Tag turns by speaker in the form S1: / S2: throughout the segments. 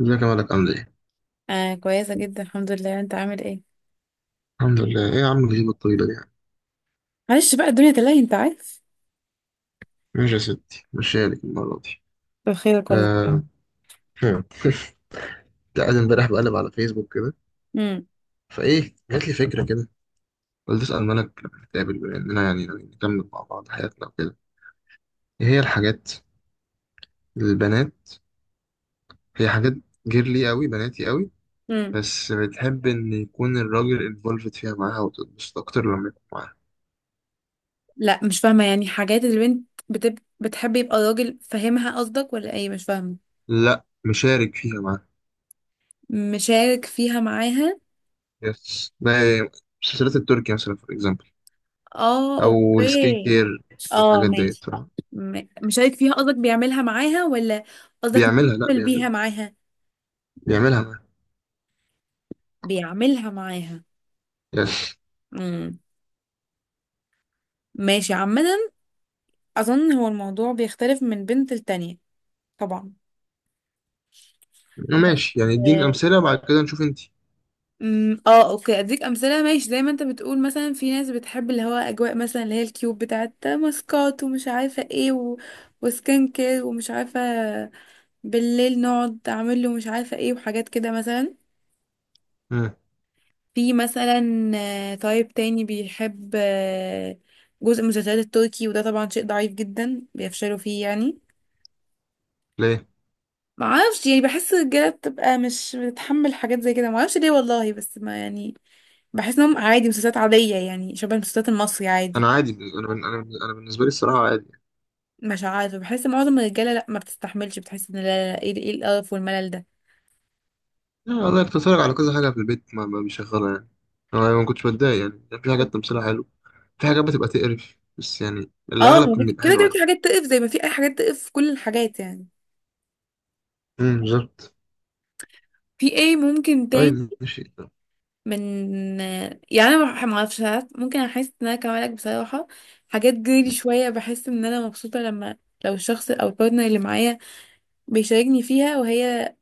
S1: ازيك يا مالك عامل ايه؟
S2: آه كويسة جدا, الحمد لله. انت عامل ايه؟
S1: الحمد لله، ايه يا عم الغيبة الطويلة دي يعني.
S2: معلش بقى, الدنيا تلاهي انت عارف.
S1: ماشي يا ستي، ماشي لك المرة دي.
S2: بخير والله.
S1: آه. هم. لا أنا امبارح بقلب على فيسبوك كده،
S2: امم
S1: فايه جات لي فكرة كده، قلت أسأل مالك لما نتقابل، بما إننا يعني نكمل مع بعض حياتنا وكده. ايه هي الحاجات البنات؟ هي حاجات جيرلي قوي، بناتي قوي،
S2: امم
S1: بس بتحب إن يكون الراجل انفولفد فيها معاها وتتبسط أكتر لما يكون معاها.
S2: لا, مش فاهمة يعني حاجات اللي بنت بتحب يبقى الراجل فاهمها, قصدك؟ ولا ايه؟ مش فاهمة.
S1: لا، مشارك فيها معاها.
S2: مشارك فيها معاها.
S1: يس، ده مسلسلات التركي مثلا، فور اكزامبل.
S2: اه
S1: او السكين
S2: اوكي.
S1: كير
S2: اه
S1: والحاجات ديت
S2: ماشي.
S1: بصراحه.
S2: مشارك فيها قصدك بيعملها معاها ولا قصدك
S1: بيعملها لا
S2: بيعمل بيها
S1: بيعملها.
S2: معاها
S1: بيعملها معاه.
S2: بيعملها معاها.
S1: يعني.
S2: امم ماشي عامة. اظن هو الموضوع بيختلف من بنت لتانية. طبعا. بس.
S1: ماشي يعني، اديني امثله وبعد كده نشوف انت.
S2: اه اوكي, اديك امثله ماشي. زي ما انت بتقول, مثلا في ناس بتحب اللي هو اجواء, مثلا اللي هي الكيوب بتاعت ماسكات ومش عارفه ايه وسكين كير ومش عارفه. بالليل نقعد اعمل له مش عارفه ايه وحاجات كده مثلا.
S1: مم.
S2: في مثلا طيب, تاني بيحب جزء من المسلسلات التركي, وده طبعا شيء ضعيف جدا بيفشلوا فيه يعني.
S1: ليه؟
S2: معرفش يعني, بحس الرجاله بتبقى مش بتتحمل حاجات زي كده, معرفش ليه والله بس ما يعني. بحس انهم عادي, مسلسلات عادية يعني, شبه المسلسلات المصري عادي.
S1: انا عادي، انا بالنسبه لي الصراحه عادي يعني.
S2: مش عارفه, بحس معظم الرجاله لا ما بتستحملش, بتحس ان لا لا لا، ايه ايه القرف والملل ده.
S1: آه، والله كنت بتفرج على كذا حاجه في البيت ما بيشغلها يعني، انا ما كنتش بتضايق يعني، كان في حاجات تمثيلها حلو، في حاجات بتبقى تقرف، بس يعني
S2: اه
S1: الاغلب
S2: ما
S1: كان
S2: في-
S1: بيبقى
S2: كده
S1: حلو
S2: كده في
S1: عادي.
S2: حاجات تقف, زي ما في اي حاجات تقف في كل الحاجات يعني.
S1: امم، بالظبط.
S2: في ايه ممكن تاني؟
S1: طيب ماشي.
S2: من. يعني انا ما اعرفش ساعات ممكن احس ان انا كمالك بصراحه. حاجات جريلي شويه, بحس ان انا مبسوطه لما لو الشخص او البارتنر اللي معايا بيشاركني فيها, وهي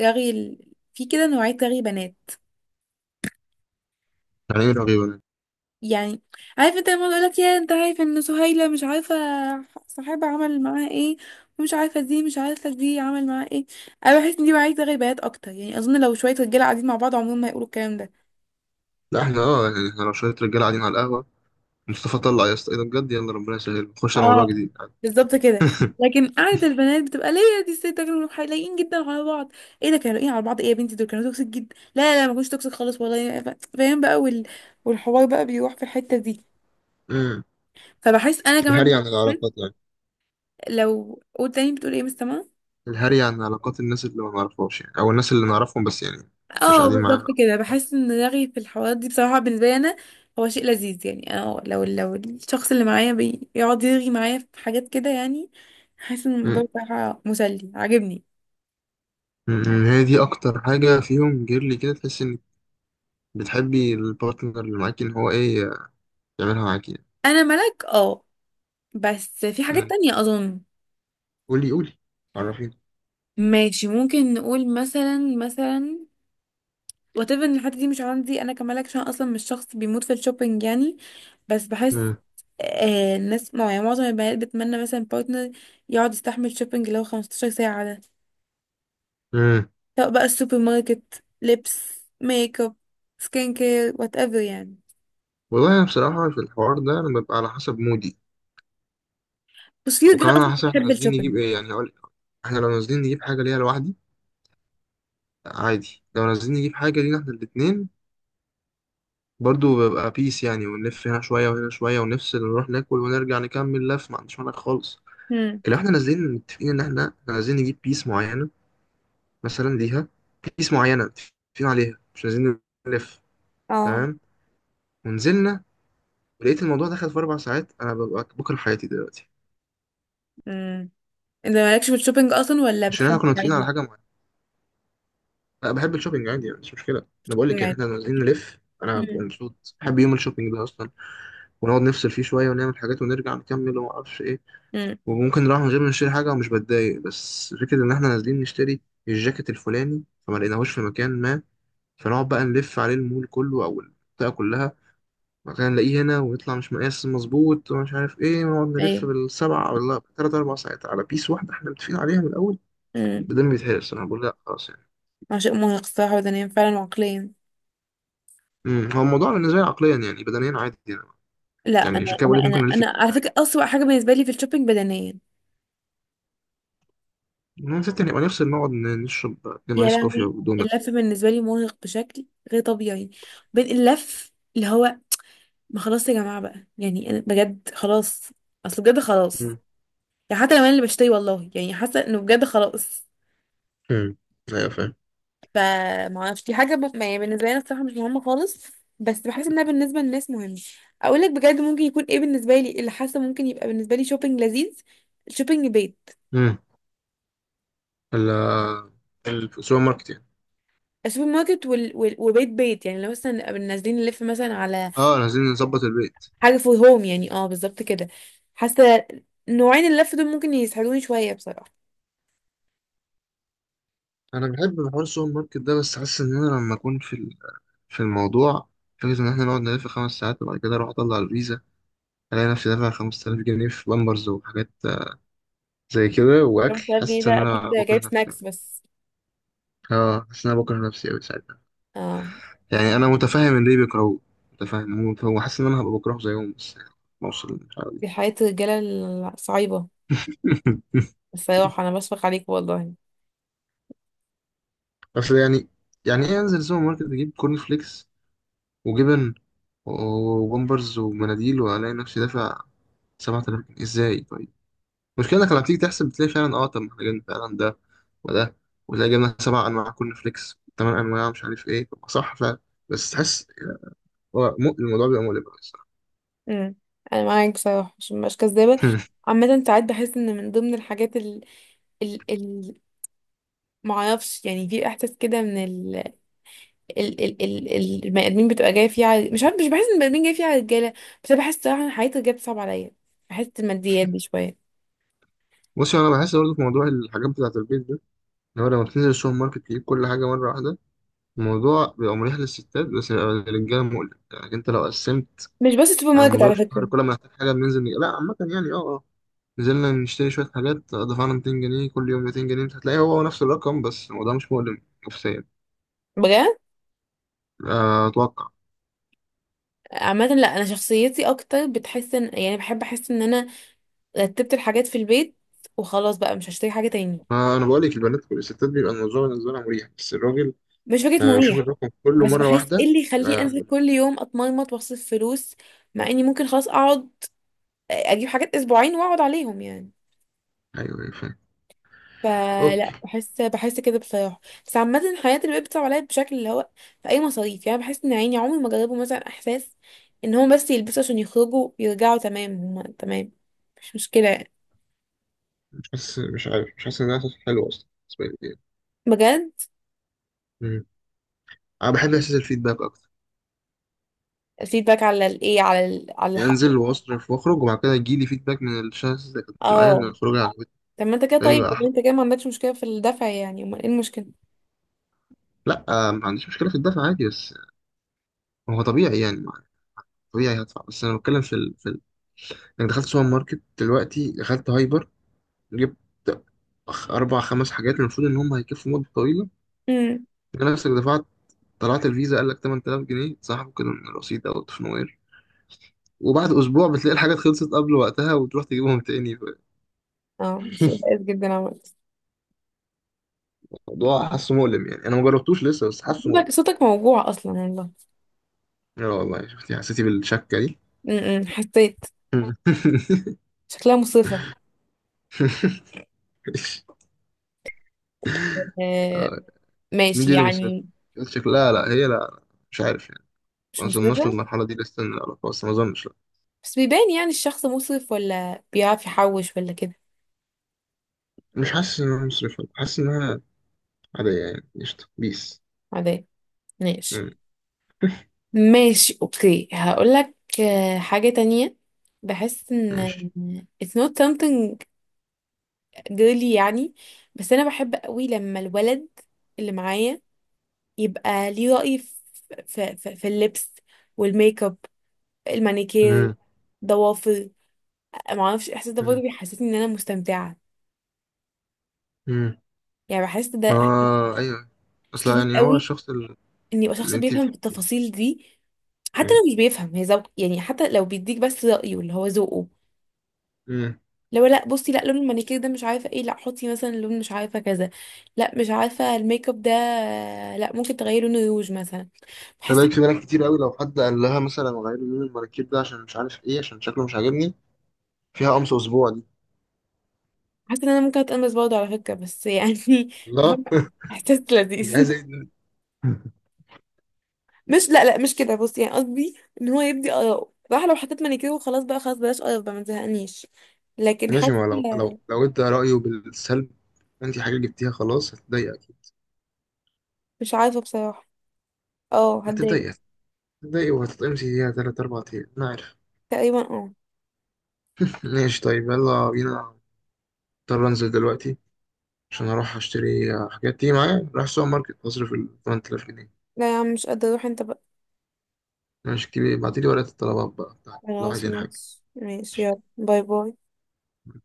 S2: في كده نوعيه رغي بنات
S1: يعني ايه رغيبه يعني؟
S2: يعني. عارف انت لما يقول لك يا انت عارف ان سهيلة مش عارفة صاحبها عمل معاها ايه, ومش عارفة دي مش عارفة دي عمل معاها ايه. انا بحس ان دي عايزة غيبات اكتر يعني. اظن لو شوية رجالة قاعدين مع بعض, عمرهم ما هيقولوا الكلام ده.
S1: لا، احنا اه، يعني احنا لو شويه رجاله قاعدين على القهوه، مصطفى طلع يا اسطى ايه ده بجد، يلا ربنا يسهل نخش على موضوع
S2: اه
S1: جديد. عادي.
S2: بالظبط كده. لكن قعدة البنات بتبقى ليه يا دي الست ده, كانوا لايقين جدا على بعض, ايه ده, كانوا لايقين على بعض, ايه يا بنتي دول كانوا توكسيك جدا, لا لا لا, ما كانوش توكسيك خالص والله, فاهم بقى, والحوار بقى بيروح في الحتة دي.
S1: امم.
S2: فبحس انا كمان,
S1: الهري عن العلاقات يعني،
S2: لو قول تاني بتقول ايه مستمع.
S1: الهري عن علاقات الناس اللي ما نعرفهاش يعني، او الناس اللي نعرفهم بس يعني مش
S2: اه
S1: قاعدين
S2: بالظبط
S1: معانا.
S2: كده. بحس ان رغي في الحوارات دي بصراحة بالنسبة لي انا هو شيء لذيذ يعني. انا لو الشخص اللي معايا بيقعد يرغي معايا في حاجات كده يعني, حاسس ان الموضوع
S1: امم.
S2: بصراحة مسلي, عاجبني.
S1: أمم، هي دي اكتر حاجه فيهم جيرلي كده، تحس انك بتحبي البارتنر اللي معاكي ان هو ايه، يعملها معاكي يعني.
S2: انا ملك اه. بس في حاجات
S1: أمم.
S2: تانية اظن.
S1: قولي قولي، عرفيني.
S2: ماشي, ممكن نقول مثلا واتيفر ان الحتة دي مش عندي انا كملك, عشان اصلا مش شخص بيموت في الشوبينج يعني. بس بحس
S1: امم.
S2: الناس يعني معظم البنات بتمنى مثلا بارتنر يقعد يستحمل شوبينج لو 15 ساعة,
S1: أمم.
S2: سواء بقى السوبر ماركت, لبس, ميك اب, سكين كير, وات ايفر يعني.
S1: والله انا بصراحه في الحوار ده انا ببقى على حسب مودي،
S2: بس في رجاله
S1: وكمان
S2: اصلا
S1: على حسب احنا
S2: بتحب
S1: نازلين
S2: الشوبينج.
S1: نجيب ايه. يعني هقول، احنا لو نازلين نجيب حاجه ليها لوحدي عادي، لو نازلين نجيب حاجه لينا احنا الاتنين برضو ببقى بيس يعني، ونلف هنا شوية وهنا شوية ونفصل ونروح ناكل ونرجع نكمل لف، ما عنديش مانع خالص.
S2: امم
S1: لو احنا نازلين متفقين ان احنا عايزين نجيب بيس معينة مثلا ليها، بيس معينة متفقين عليها، مش عايزين نلف.
S2: اه
S1: تمام، ونزلنا، ولقيت الموضوع دخل في أربع ساعات، أنا ببقى بكره حياتي دلوقتي،
S2: امم انت مالكش في الشوبينج اصلا ولا
S1: عشان احنا
S2: بتحب
S1: كنا متفقين على
S2: عادي؟
S1: حاجة معينة. أنا بحب الشوبينج عادي يعني، مش مشكلة. أنا بقول لك يعني
S2: عادي.
S1: احنا نازلين نلف أنا ببقى
S2: امم
S1: مبسوط، بحب يوم الشوبينج ده أصلا، ونقعد نفصل فيه شوية ونعمل حاجات ونرجع نكمل ومعرفش إيه،
S2: امم
S1: وممكن نروح من غير ما نشتري حاجة ومش بتضايق. بس فكرة إن إحنا نازلين نشتري الجاكيت الفلاني فما لقيناهوش في مكان ما، فنقعد بقى نلف عليه المول كله أو المنطقة كلها، مثلا نلاقيه هنا ويطلع مش مقاس مظبوط ومش عارف إيه، ونقعد نلف
S2: ايوه.
S1: بالسبعة ولا تلات أربع ساعات على بيس واحدة إحنا متفقين عليها من الأول،
S2: امم
S1: بدل بيتهرس الصراحة بقول لأ خلاص يعني.
S2: عشان مرهق الصراحه بدنيا فعلا وعقليا.
S1: أمم، هو الموضوع بالنسبة لي عقليا يعني، بدنيا عادي يعني.
S2: لا,
S1: يعني
S2: انا
S1: عشان كده بقول لك
S2: انا انا
S1: ممكن نلف
S2: انا
S1: كتير
S2: على فكره
S1: عادي،
S2: اسوأ حاجه بالنسبه لي في الشوبينج بدنيا.
S1: المهم ستة نبقى نفصل نقعد نشرب اتنين
S2: يا
S1: آيس كوفي
S2: لهوي,
S1: ودونتس.
S2: اللف بالنسبه لي مرهق بشكل غير طبيعي. بين اللف اللي هو ما خلاص يا جماعه بقى يعني, انا بجد خلاص, اصل بجد خلاص
S1: أمم.
S2: يعني. حتى لو انا اللي بشتري والله يعني حاسه انه بجد خلاص.
S1: أمم. أيوة فاهم.
S2: فما اعرفش دي حاجه يعني بالنسبه لي أنا الصراحه مش مهمه خالص. بس بحس انها بالنسبه للناس مهمه. اقول لك بجد ممكن يكون ايه بالنسبه لي اللي حاسه ممكن يبقى بالنسبه لي شوبينج لذيذ. شوبينج بيت.
S1: مم. ال- السوبر ماركت يعني.
S2: السوبر ماركت وبيت بيت يعني. لو مثلا نبقى نازلين نلف مثلا على
S1: اه، أنا عايزين نظبط البيت.
S2: حاجه فور هوم يعني. اه بالظبط كده. حاسه نوعين اللف دول ممكن يسحلوني شويه بصراحه.
S1: انا بحب حوار السوبر ماركت ده، بس حاسس ان انا لما اكون في الموضوع، فكرة إن إحنا نقعد نلف خمس ساعات وبعد كده أروح أطلع الفيزا ألاقي نفسي دافع 5000 جنيه في بامبرز وحاجات زي كده وأكل،
S2: 5000 جنيه
S1: حاسس إن
S2: ده اكيد
S1: أنا بكره
S2: جايب
S1: نفسي أوي.
S2: سناكس بس.
S1: أه، حاسس إن أنا بكره نفسي أوي ساعتها،
S2: اه,
S1: يعني أنا متفهم إن ليه بيكرهوه، متفهم، هو حاسس إن أنا هبقى بكرهه زيهم، بس يعني بوصل للمرحلة دي.
S2: دي حياه الرجاله الصعيبه. بصراحة أنا بشفق عليك والله.
S1: بس يعني، يعني إيه أنزل سوبر ماركت أجيب كورن فليكس وجبن وبامبرز ومناديل وألاقي نفسي دافع 7000 جنيه إزاي طيب؟ المشكلة إنك لما تيجي تحسب بتلاقي فعلا، أه طب ما إحنا جبنا فعلا ده وده، وتلاقي جبنا سبع أنواع كورن فليكس تمن أنواع مش عارف إيه، طب ما صح فعلا، بس تحس الموضوع بيبقى مؤلم أوي الصراحة.
S2: امم أنا معاك بصراحة, عشان مبقاش كذابة. عامة ساعات بحس إن من ضمن الحاجات ال ال ال معرفش يعني, في إحساس كده من البني آدمين بتبقى جاية فيه على مش عارف, مش بحس إن البني آدمين جاية فيه على الرجالة. بس أنا بحس صراحة إن حياة الرجالة بتصعب عليا. بحس الماديات دي شوية.
S1: بص، أنا بحس برضه في موضوع الحاجات بتاعة البيت ده، إن هو لما بتنزل السوبر ماركت تجيب كل حاجة مرة واحدة الموضوع بيبقى مريح للستات، بس بيبقى للرجالة مؤلم. يعني أنت لو قسمت
S2: مش بس السوبر
S1: على
S2: ماركت
S1: مدار
S2: على
S1: الشهر
S2: فكرة.
S1: كل ما نحتاج حاجة بننزل نجيب، لا عامة يعني أه آه. نزلنا نشتري شوية حاجات دفعنا 200 جنيه، كل يوم 200 جنيه، انت هتلاقي هو نفس الرقم، بس الموضوع مش مؤلم نفسيا.
S2: بجد.
S1: آه، أتوقع.
S2: عامة لا, أنا شخصيتي أكتر بتحس إن يعني بحب أحس إن أنا رتبت الحاجات في البيت, وخلاص بقى مش هشتري حاجة تاني.
S1: آه، أنا بقول لك البنات والستات بيبقى الموضوع بالنسبة لها مريح، بس الراجل
S2: مش فكرة
S1: آه، بيشوف
S2: مريح.
S1: الرقم كله
S2: بس
S1: مرة
S2: بحس ايه
S1: واحدة
S2: اللي يخليني
S1: بيبقى
S2: انزل
S1: مؤلم.
S2: كل يوم اتمرمط واصرف فلوس, مع اني ممكن خلاص اقعد اجيب حاجات اسبوعين واقعد عليهم يعني.
S1: أيوه أيوه، فاهم. أوكي.
S2: فلا, بحس كده بصراحة. بس عامة الحياة اللي بقت بتصعب عليا بشكل اللي هو في اي مصاريف يعني. بحس ان عيني عمري ما جربوا مثلا احساس ان هم بس يلبسوا عشان يخرجوا يرجعوا تمام, هم تمام, مش مشكلة يعني.
S1: مش حاسس، مش عارف، مش حاسس إن ده إحساس حلو أصلا بالنسبة لي.
S2: بجد.
S1: مم. أنا بحب إحساس الفيدباك أكتر،
S2: الفيدباك على الايه؟ على على
S1: يعني
S2: الحق.
S1: أنزل وأصرف وأخرج وبعد كده يجيلي فيدباك من الشخص اللي كانت معايا إن
S2: اه
S1: الخروج عجبتني،
S2: طب ما انت كده
S1: ده
S2: طيب,
S1: بيبقى
S2: ولا
S1: أحلى.
S2: انت كده ما عندكش مشكلة في الدفع يعني؟ امال ايه المشكلة؟
S1: لا آه، ما عنديش مشكلة في الدفع عادي، بس هو طبيعي يعني، طبيعي هدفع، بس انا بتكلم انك دخلت سوبر ماركت دلوقتي، دخلت هايبر، جبت اربع خمس حاجات المفروض ان هم هيكفوا مده طويله،
S2: إمم.
S1: انت نفسك دفعت، طلعت الفيزا قال لك 8000 جنيه اتسحبوا كده من الرصيد او في نوير، وبعد اسبوع بتلاقي الحاجات خلصت قبل وقتها وتروح تجيبهم تاني،
S2: اه, صوت بائس جدا عملت.
S1: الموضوع حاسه مؤلم يعني، انا ما جربتوش لسه بس حاسه
S2: صوتك
S1: مؤلم.
S2: موجوع اصلا والله.
S1: لا والله، شفتي حسيتي بالشكه دي؟
S2: م- م، حسيت. شكلها مصرفة. آه.
S1: مين
S2: ماشي
S1: دي اللي مصرفة؟
S2: يعني.
S1: شكلها، لا لا، هي لا، مش عارف يعني، ما
S2: مش
S1: اظنش
S2: مصرفة.
S1: للمرحله دي لسه إن العلاقه، بس ما اظنش.
S2: بس بيبان يعني الشخص مصرف ولا بيعرف يحوش ولا كده.
S1: مش حاسس انها مصرفة، حاسس انها عادية يعني، قشطة بيس.
S2: عادي. ماشي
S1: مم.
S2: ماشي, اوكي. هقول لك حاجة تانية. بحس ان
S1: ماشي.
S2: it's not something girly يعني. بس انا بحب قوي لما الولد اللي معايا يبقى ليه رأي في في اللبس والميك اب, المانيكير,
S1: مم.
S2: ضوافر. معرفش الاحساس ده برضه
S1: مم.
S2: بيحسسني ان انا مستمتعه
S1: مم.
S2: يعني. بحس ده
S1: ما
S2: احساس
S1: ايوه، اصلا
S2: لذيذ
S1: يعني هو
S2: قوي,
S1: الشخص
S2: ان يبقى شخص
S1: اللي انت
S2: بيفهم التفاصيل دي. حتى
S1: مم.
S2: لو مش بيفهم, هي ذوق يعني. حتى لو بيديك بس رأيه اللي هو ذوقه.
S1: مم.
S2: لو لا بصي, لا لون المانيكير ده مش عارفه ايه, لا حطي مثلا لون مش عارفه كذا, لا مش عارفه الميك اب ده, لا ممكن تغيري لون الروج مثلا. بحس,
S1: فبالك في بنات كتير قوي لو حد قال لها مثلا غير لي لون المراكيب ده عشان مش عارف ايه، عشان شكله مش عاجبني، فيها قمص اسبوع دي.
S2: حاسه ان انا ممكن اتقمص برضه على فكره بس يعني
S1: الله،
S2: احساس لذيذ.
S1: انت عايز ايه دي؟
S2: مش, لا لا, مش كده. بص يعني قصدي ان هو يبدي اراءه بصراحه. لو حطيت مانيكير وخلاص بقى, خلاص, بلاش قرف بقى, ما تزهقنيش. لكن
S1: ماشي،
S2: حاسه.
S1: ما لو لو انت رأيه بالسلب، انت حاجة جبتيها خلاص هتضايق اكيد.
S2: مش عارفه بصراحه. اه هتضايق.
S1: هتضايق، هتضايق وهتتقمصي فيها تلات أربع أيام، أنا عارف.
S2: تقريبا اه.
S1: ماشي طيب، يلا بينا، اضطر انزل دلوقتي عشان اروح اشتري حاجات، تيجي معايا رايح السوبر ماركت اصرف ال 8000 جنيه؟
S2: لا يا عم مش قادره اروح انت بقى.
S1: ماشي كتير، بعتيلي ورقة الطلبات بقى بتاعتك لو
S2: خلاص
S1: عايزين حاجة.
S2: ماشي ماشي, يلا باي باي.